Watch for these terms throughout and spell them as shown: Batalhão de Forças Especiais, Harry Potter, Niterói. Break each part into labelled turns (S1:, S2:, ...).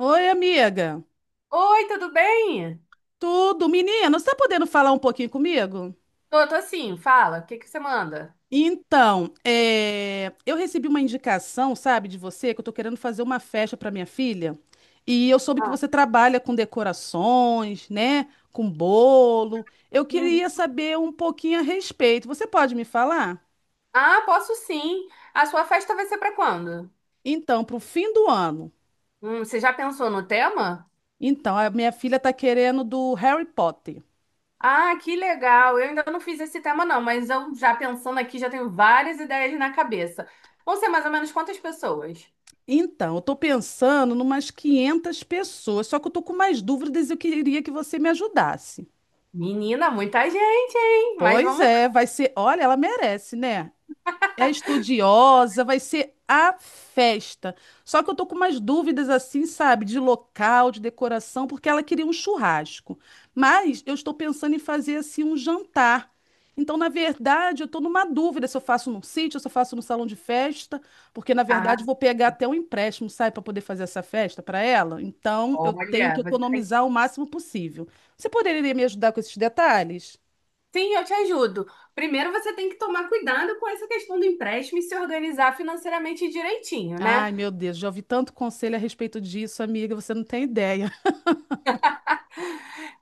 S1: Oi, amiga.
S2: Oi, tudo bem?
S1: Tudo? Menina, você está podendo falar um pouquinho comigo?
S2: Tô sim, fala, o que que você manda?
S1: Então, eu recebi uma indicação, sabe, de você, que eu tô querendo fazer uma festa para minha filha. E eu soube que
S2: Ah,
S1: você trabalha com decorações, né? Com bolo. Eu
S2: uhum.
S1: queria saber um pouquinho a respeito. Você pode me falar?
S2: Ah, posso sim. A sua festa vai ser pra quando?
S1: Então, para o fim do ano.
S2: Você já pensou no tema?
S1: Então, a minha filha tá querendo do Harry Potter.
S2: Ah, que legal. Eu ainda não fiz esse tema não, mas eu já pensando aqui, já tenho várias ideias na cabeça. Vão ser mais ou menos quantas pessoas?
S1: Então, eu tô pensando numas 500 pessoas, só que eu tô com mais dúvidas e eu queria que você me ajudasse.
S2: Menina, muita gente, hein? Mas
S1: Pois
S2: vamos
S1: é, vai ser. Olha, ela merece, né? É estudiosa, vai ser a festa. Só que eu tô com umas dúvidas assim, sabe, de local, de decoração, porque ela queria um churrasco. Mas eu estou pensando em fazer assim um jantar. Então, na verdade, eu tô numa dúvida se eu faço num sítio, se eu faço no salão de festa, porque na
S2: lá.
S1: verdade eu
S2: Ah,
S1: vou pegar até um empréstimo, sabe, para poder fazer essa festa para ela. Então, eu
S2: olha,
S1: tenho que
S2: você tem...
S1: economizar o máximo possível. Você poderia me ajudar com esses detalhes?
S2: Sim, eu te ajudo. Primeiro você tem que tomar cuidado com essa questão do empréstimo e se organizar financeiramente direitinho,
S1: Ai,
S2: né?
S1: meu Deus, já ouvi tanto conselho a respeito disso, amiga, você não tem ideia.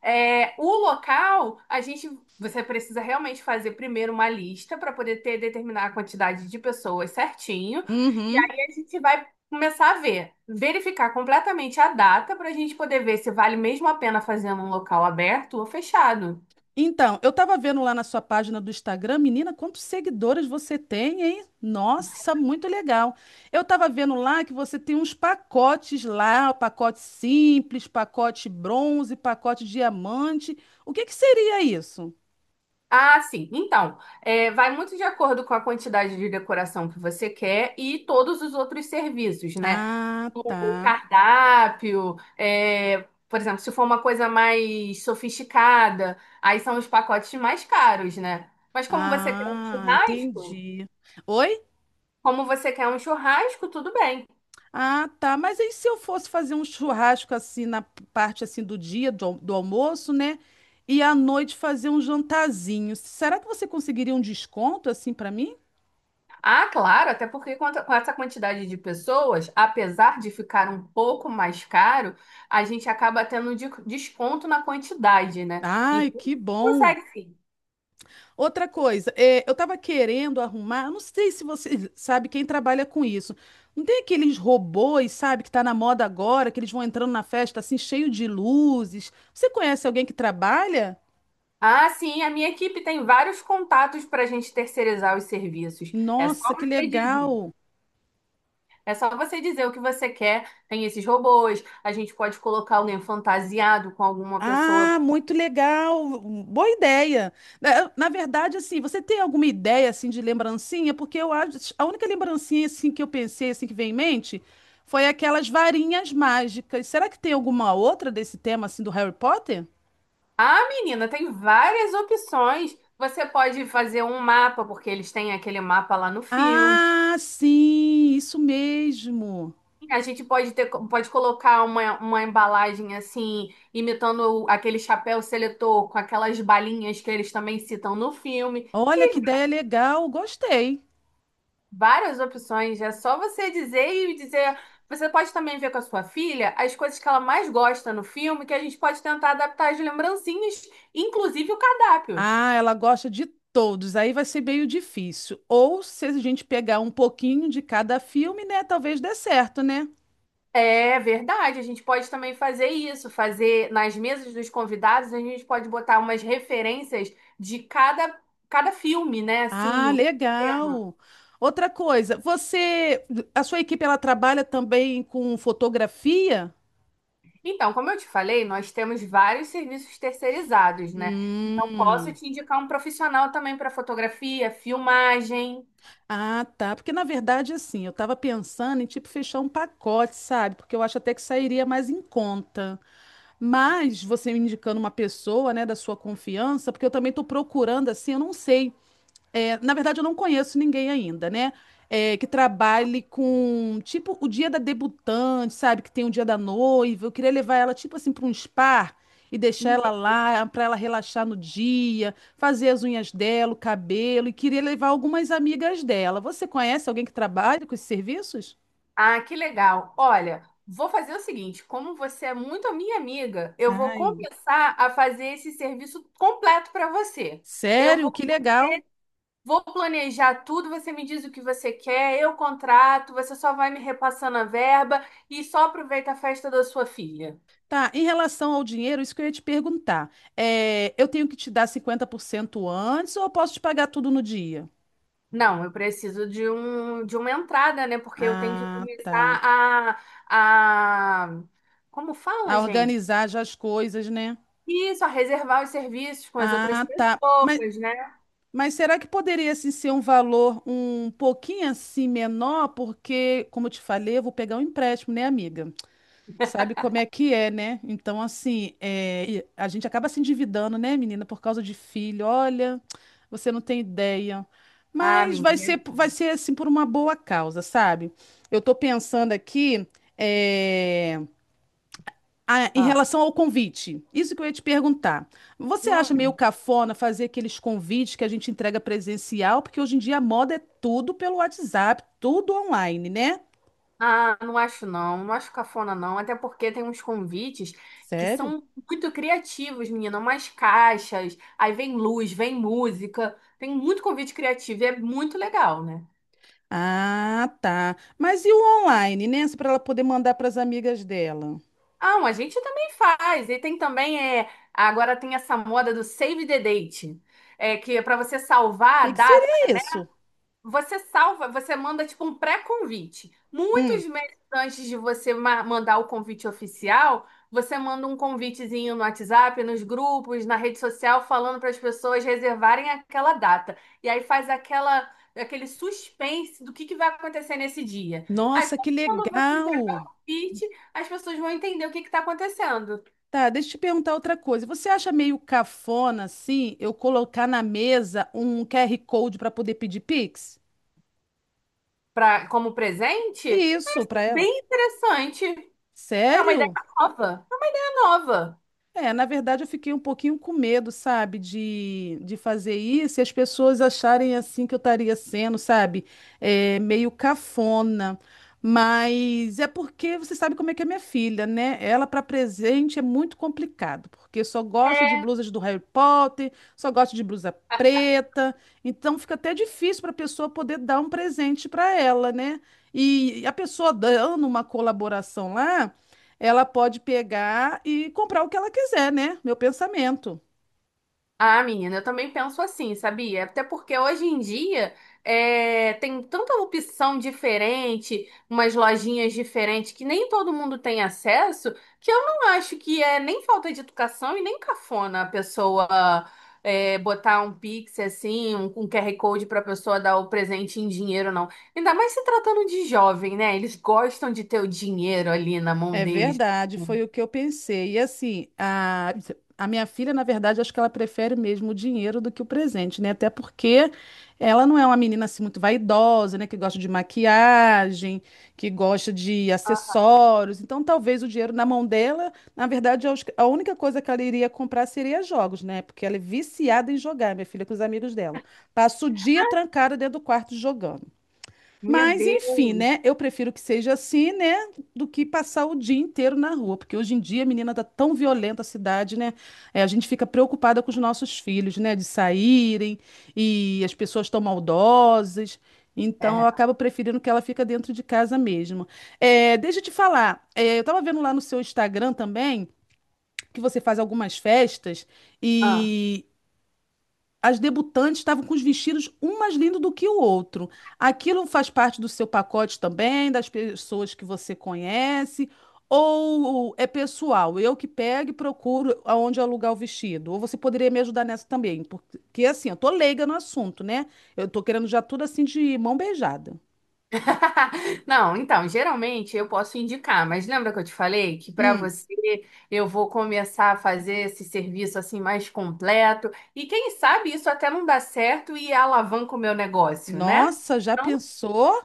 S2: É, o local, a gente, você precisa realmente fazer primeiro uma lista para poder ter, determinar a quantidade de pessoas certinho. E
S1: Uhum.
S2: aí a gente vai começar a ver, verificar completamente a data para a gente poder ver se vale mesmo a pena fazer num local aberto ou fechado.
S1: Então, eu tava vendo lá na sua página do Instagram, menina, quantos seguidores você tem, hein? Nossa, muito legal. Eu tava vendo lá que você tem uns pacotes lá, pacote simples, pacote bronze, pacote diamante. O que que seria isso?
S2: Ah, sim. Então, vai muito de acordo com a quantidade de decoração que você quer e todos os outros serviços, né?
S1: Ah,
S2: O
S1: tá.
S2: cardápio, por exemplo, se for uma coisa mais sofisticada, aí são os pacotes mais caros, né? Mas como você quer um
S1: Ah,
S2: churrasco,
S1: entendi. Oi?
S2: como você quer um churrasco, tudo bem.
S1: Ah, tá. Mas aí se eu fosse fazer um churrasco assim na parte assim do dia do almoço, né? E à noite fazer um jantarzinho. Será que você conseguiria um desconto assim pra mim?
S2: Ah, claro, até porque com essa quantidade de pessoas, apesar de ficar um pouco mais caro, a gente acaba tendo desconto na quantidade, né?
S1: Ai,
S2: Então,
S1: que bom.
S2: consegue sim.
S1: Outra coisa, eu tava querendo arrumar, eu não sei se você sabe quem trabalha com isso. Não tem aqueles robôs, sabe, que tá na moda agora, que eles vão entrando na festa assim cheio de luzes. Você conhece alguém que trabalha?
S2: Ah, sim, a minha equipe tem vários contatos para a gente terceirizar os serviços. É só
S1: Nossa, que
S2: você dizer.
S1: legal.
S2: É só você dizer o que você quer. Tem esses robôs, a gente pode colocar alguém fantasiado com alguma pessoa.
S1: Ah, muito legal, boa ideia. Na verdade, assim, você tem alguma ideia assim de lembrancinha? Porque eu acho, a única lembrancinha assim que eu pensei assim que vem em mente foi aquelas varinhas mágicas. Será que tem alguma outra desse tema assim do Harry Potter?
S2: Ah, menina, tem várias opções. Você pode fazer um mapa, porque eles têm aquele mapa lá no filme.
S1: Ah, sim, isso mesmo.
S2: A gente pode ter, pode colocar uma embalagem assim, imitando aquele chapéu seletor com aquelas balinhas que eles também citam no filme.
S1: Olha que
S2: E
S1: ideia legal, gostei.
S2: várias opções. É só você dizer e dizer. Você pode também ver com a sua filha as coisas que ela mais gosta no filme, que a gente pode tentar adaptar as lembrancinhas, inclusive o cardápio.
S1: Ah, ela gosta de todos, aí vai ser meio difícil. Ou se a gente pegar um pouquinho de cada filme, né, talvez dê certo, né?
S2: É verdade, a gente pode também fazer isso, fazer nas mesas dos convidados, a gente pode botar umas referências de cada, cada filme, né?
S1: Ah,
S2: Assim, o tema.
S1: legal. Outra coisa, você, a sua equipe ela trabalha também com fotografia?
S2: Então, como eu te falei, nós temos vários serviços terceirizados, né? Então, posso
S1: Hum.
S2: te indicar um profissional também para fotografia, filmagem.
S1: Ah, tá. Porque na verdade, assim, eu estava pensando em tipo fechar um pacote, sabe? Porque eu acho até que sairia mais em conta. Mas você me indicando uma pessoa, né, da sua confiança, porque eu também estou procurando, assim, eu não sei. É, na verdade, eu não conheço ninguém ainda, né? É, que trabalhe com, tipo, o dia da debutante, sabe? Que tem o dia da noiva. Eu queria levar ela, tipo assim, para um spa e deixar ela lá para ela relaxar no dia, fazer as unhas dela, o cabelo. E queria levar algumas amigas dela. Você conhece alguém que trabalha com esses serviços?
S2: Ah, que legal. Olha, vou fazer o seguinte: como você é muito a minha amiga, eu vou
S1: Ai,
S2: começar a fazer esse serviço completo para você. Eu
S1: sério?
S2: vou,
S1: Que legal.
S2: vou planejar tudo, você me diz o que você quer, eu contrato, você só vai me repassando a verba e só aproveita a festa da sua filha.
S1: Tá, em relação ao dinheiro, isso que eu ia te perguntar. É, eu tenho que te dar 50% antes ou eu posso te pagar tudo no dia?
S2: Não, eu preciso de um, de uma entrada, né? Porque eu tenho que
S1: Ah, tá.
S2: começar a... Como fala,
S1: A
S2: gente?
S1: organizar já as coisas, né?
S2: Isso, a reservar os serviços com as outras
S1: Ah, tá. Mas,
S2: pessoas, né?
S1: mas será que poderia assim, ser um valor um pouquinho assim menor? Porque, como eu te falei, eu vou pegar um empréstimo, né, amiga? Sabe como é que é, né? Então, assim, é, e a gente acaba se endividando, né, menina, por causa de filho. Olha, você não tem ideia.
S2: Ah,
S1: Mas vai
S2: menina.
S1: ser, vai ser assim por uma boa causa, sabe? Eu tô pensando aqui. é, Ah, em
S2: Ah,
S1: relação ao convite, isso que eu ia te perguntar. Você acha
S2: hum,
S1: meio cafona fazer aqueles convites que a gente entrega presencial? Porque hoje em dia a moda é tudo pelo WhatsApp, tudo online, né?
S2: ah, não acho não, não acho cafona não, até porque tem uns convites que
S1: Sério?
S2: são muito criativos, menina, umas caixas, aí vem luz, vem música, tem muito convite criativo e é muito legal, né?
S1: Ah, tá. Mas e o online, né? Para ela poder mandar para as amigas dela. O
S2: A gente também faz, e tem também, é, agora tem essa moda do Save the Date, é, que é para você salvar a
S1: que que
S2: data.
S1: seria isso?
S2: Você salva, você manda tipo um pré-convite.
S1: Hum.
S2: Muitos meses antes de você mandar o convite oficial, você manda um convitezinho no WhatsApp, nos grupos, na rede social, falando para as pessoas reservarem aquela data. E aí faz aquele suspense do que vai acontecer nesse dia. Aí
S1: Nossa, que
S2: quando você entregar o
S1: legal!
S2: convite, as pessoas vão entender o que está acontecendo.
S1: Tá, deixa eu te perguntar outra coisa. Você acha meio cafona, assim, eu colocar na mesa um QR Code para poder pedir Pix?
S2: Pra, como presente,
S1: Isso, para ela.
S2: bem interessante. É uma ideia
S1: Sério?
S2: nova. É uma ideia nova.
S1: É, na verdade eu fiquei um pouquinho com medo, sabe, de fazer isso e as pessoas acharem assim que eu estaria sendo, sabe, meio cafona. Mas é porque você sabe como é que é minha filha, né? Ela para presente é muito complicado, porque só gosta de
S2: É,
S1: blusas do Harry Potter, só gosta de blusa preta, então fica até difícil para a pessoa poder dar um presente para ela, né? E a pessoa dando uma colaboração lá ela pode pegar e comprar o que ela quiser, né? Meu pensamento.
S2: ah, menina, eu também penso assim, sabia? Até porque hoje em dia tem tanta opção diferente, umas lojinhas diferentes que nem todo mundo tem acesso, que eu não acho que é nem falta de educação e nem cafona a pessoa botar um Pix assim, um QR Code para a pessoa dar o presente em dinheiro, não. Ainda mais se tratando de jovem, né? Eles gostam de ter o dinheiro ali na mão
S1: É
S2: deles.
S1: verdade, foi o que eu pensei. E assim, a minha filha, na verdade, acho que ela prefere mesmo o dinheiro do que o presente, né? Até porque ela não é uma menina assim muito vaidosa, né? Que gosta de maquiagem, que gosta de acessórios. Então, talvez o dinheiro na mão dela, na verdade, eu acho que a única coisa que ela iria comprar seria jogos, né? Porque ela é viciada em jogar, minha filha, com os amigos dela. Passa o dia trancada dentro do quarto jogando. Mas, enfim, né? Eu prefiro que seja assim, né? Do que passar o dia inteiro na rua. Porque hoje em dia, menina, tá tão violenta a cidade, né? É, a gente fica preocupada com os nossos filhos, né? De saírem e as pessoas tão maldosas. Então, eu
S2: É.
S1: acabo preferindo que ela fica dentro de casa mesmo. É, deixa eu te falar. Eu tava vendo lá no seu Instagram também que você faz algumas festas as debutantes estavam com os vestidos um mais lindo do que o outro. Aquilo faz parte do seu pacote também, das pessoas que você conhece, ou é pessoal, eu que pego e procuro aonde alugar o vestido. Ou você poderia me ajudar nessa também, porque assim, eu tô leiga no assunto, né? Eu tô querendo já tudo assim de mão beijada.
S2: Não, então, geralmente eu posso indicar, mas lembra que eu te falei que para
S1: Hum.
S2: você eu vou começar a fazer esse serviço assim mais completo e quem sabe isso até não dá certo e alavanca o meu negócio, né?
S1: Nossa, já
S2: Então,
S1: pensou?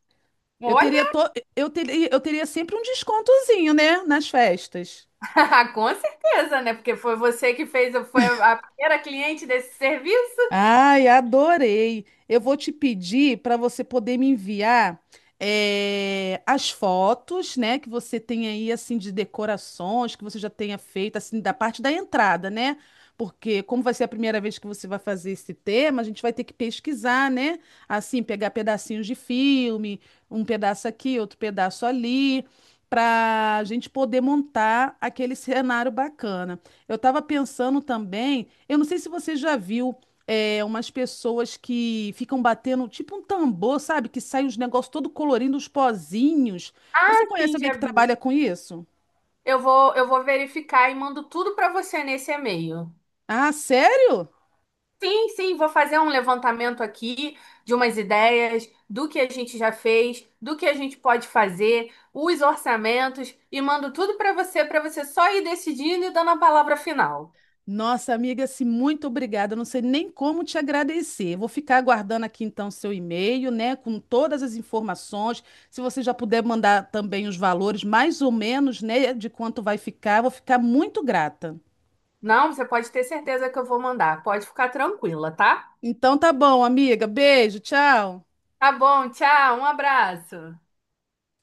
S1: Eu teria,
S2: olha,
S1: to... eu teria sempre um descontozinho, né, nas festas.
S2: com certeza, né? Porque foi você que fez, foi a primeira cliente desse serviço,
S1: Ai, adorei. Eu vou te pedir para você poder me enviar as fotos, né, que você tem aí assim de decorações que você já tenha feito assim da parte da entrada, né? Porque como vai ser a primeira vez que você vai fazer esse tema, a gente vai ter que pesquisar, né? Assim, pegar pedacinhos de filme, um pedaço aqui, outro pedaço ali, para a gente poder montar aquele cenário bacana. Eu estava pensando também, eu não sei se você já viu umas pessoas que ficam batendo, tipo um tambor, sabe? Que sai uns negócios todo colorindo, uns pozinhos. Você conhece
S2: sim,
S1: alguém
S2: já
S1: que
S2: vi.
S1: trabalha com isso?
S2: Eu vou verificar e mando tudo para você nesse e-mail.
S1: Ah, sério?
S2: Sim, sim, vou fazer um levantamento aqui de umas ideias, do que a gente já fez, do que a gente pode fazer, os orçamentos e mando tudo para você só ir decidindo e dando a palavra final.
S1: Nossa, amiga, assim, muito obrigada. Eu Não sei nem como te agradecer. Vou ficar aguardando aqui então seu e-mail, né, com todas as informações. Se você já puder mandar também os valores, mais ou menos, né, de quanto vai ficar, eu vou ficar muito grata.
S2: Não, você pode ter certeza que eu vou mandar, pode ficar tranquila, tá?
S1: Então tá bom, amiga. Beijo, tchau.
S2: Tá bom, tchau, um abraço.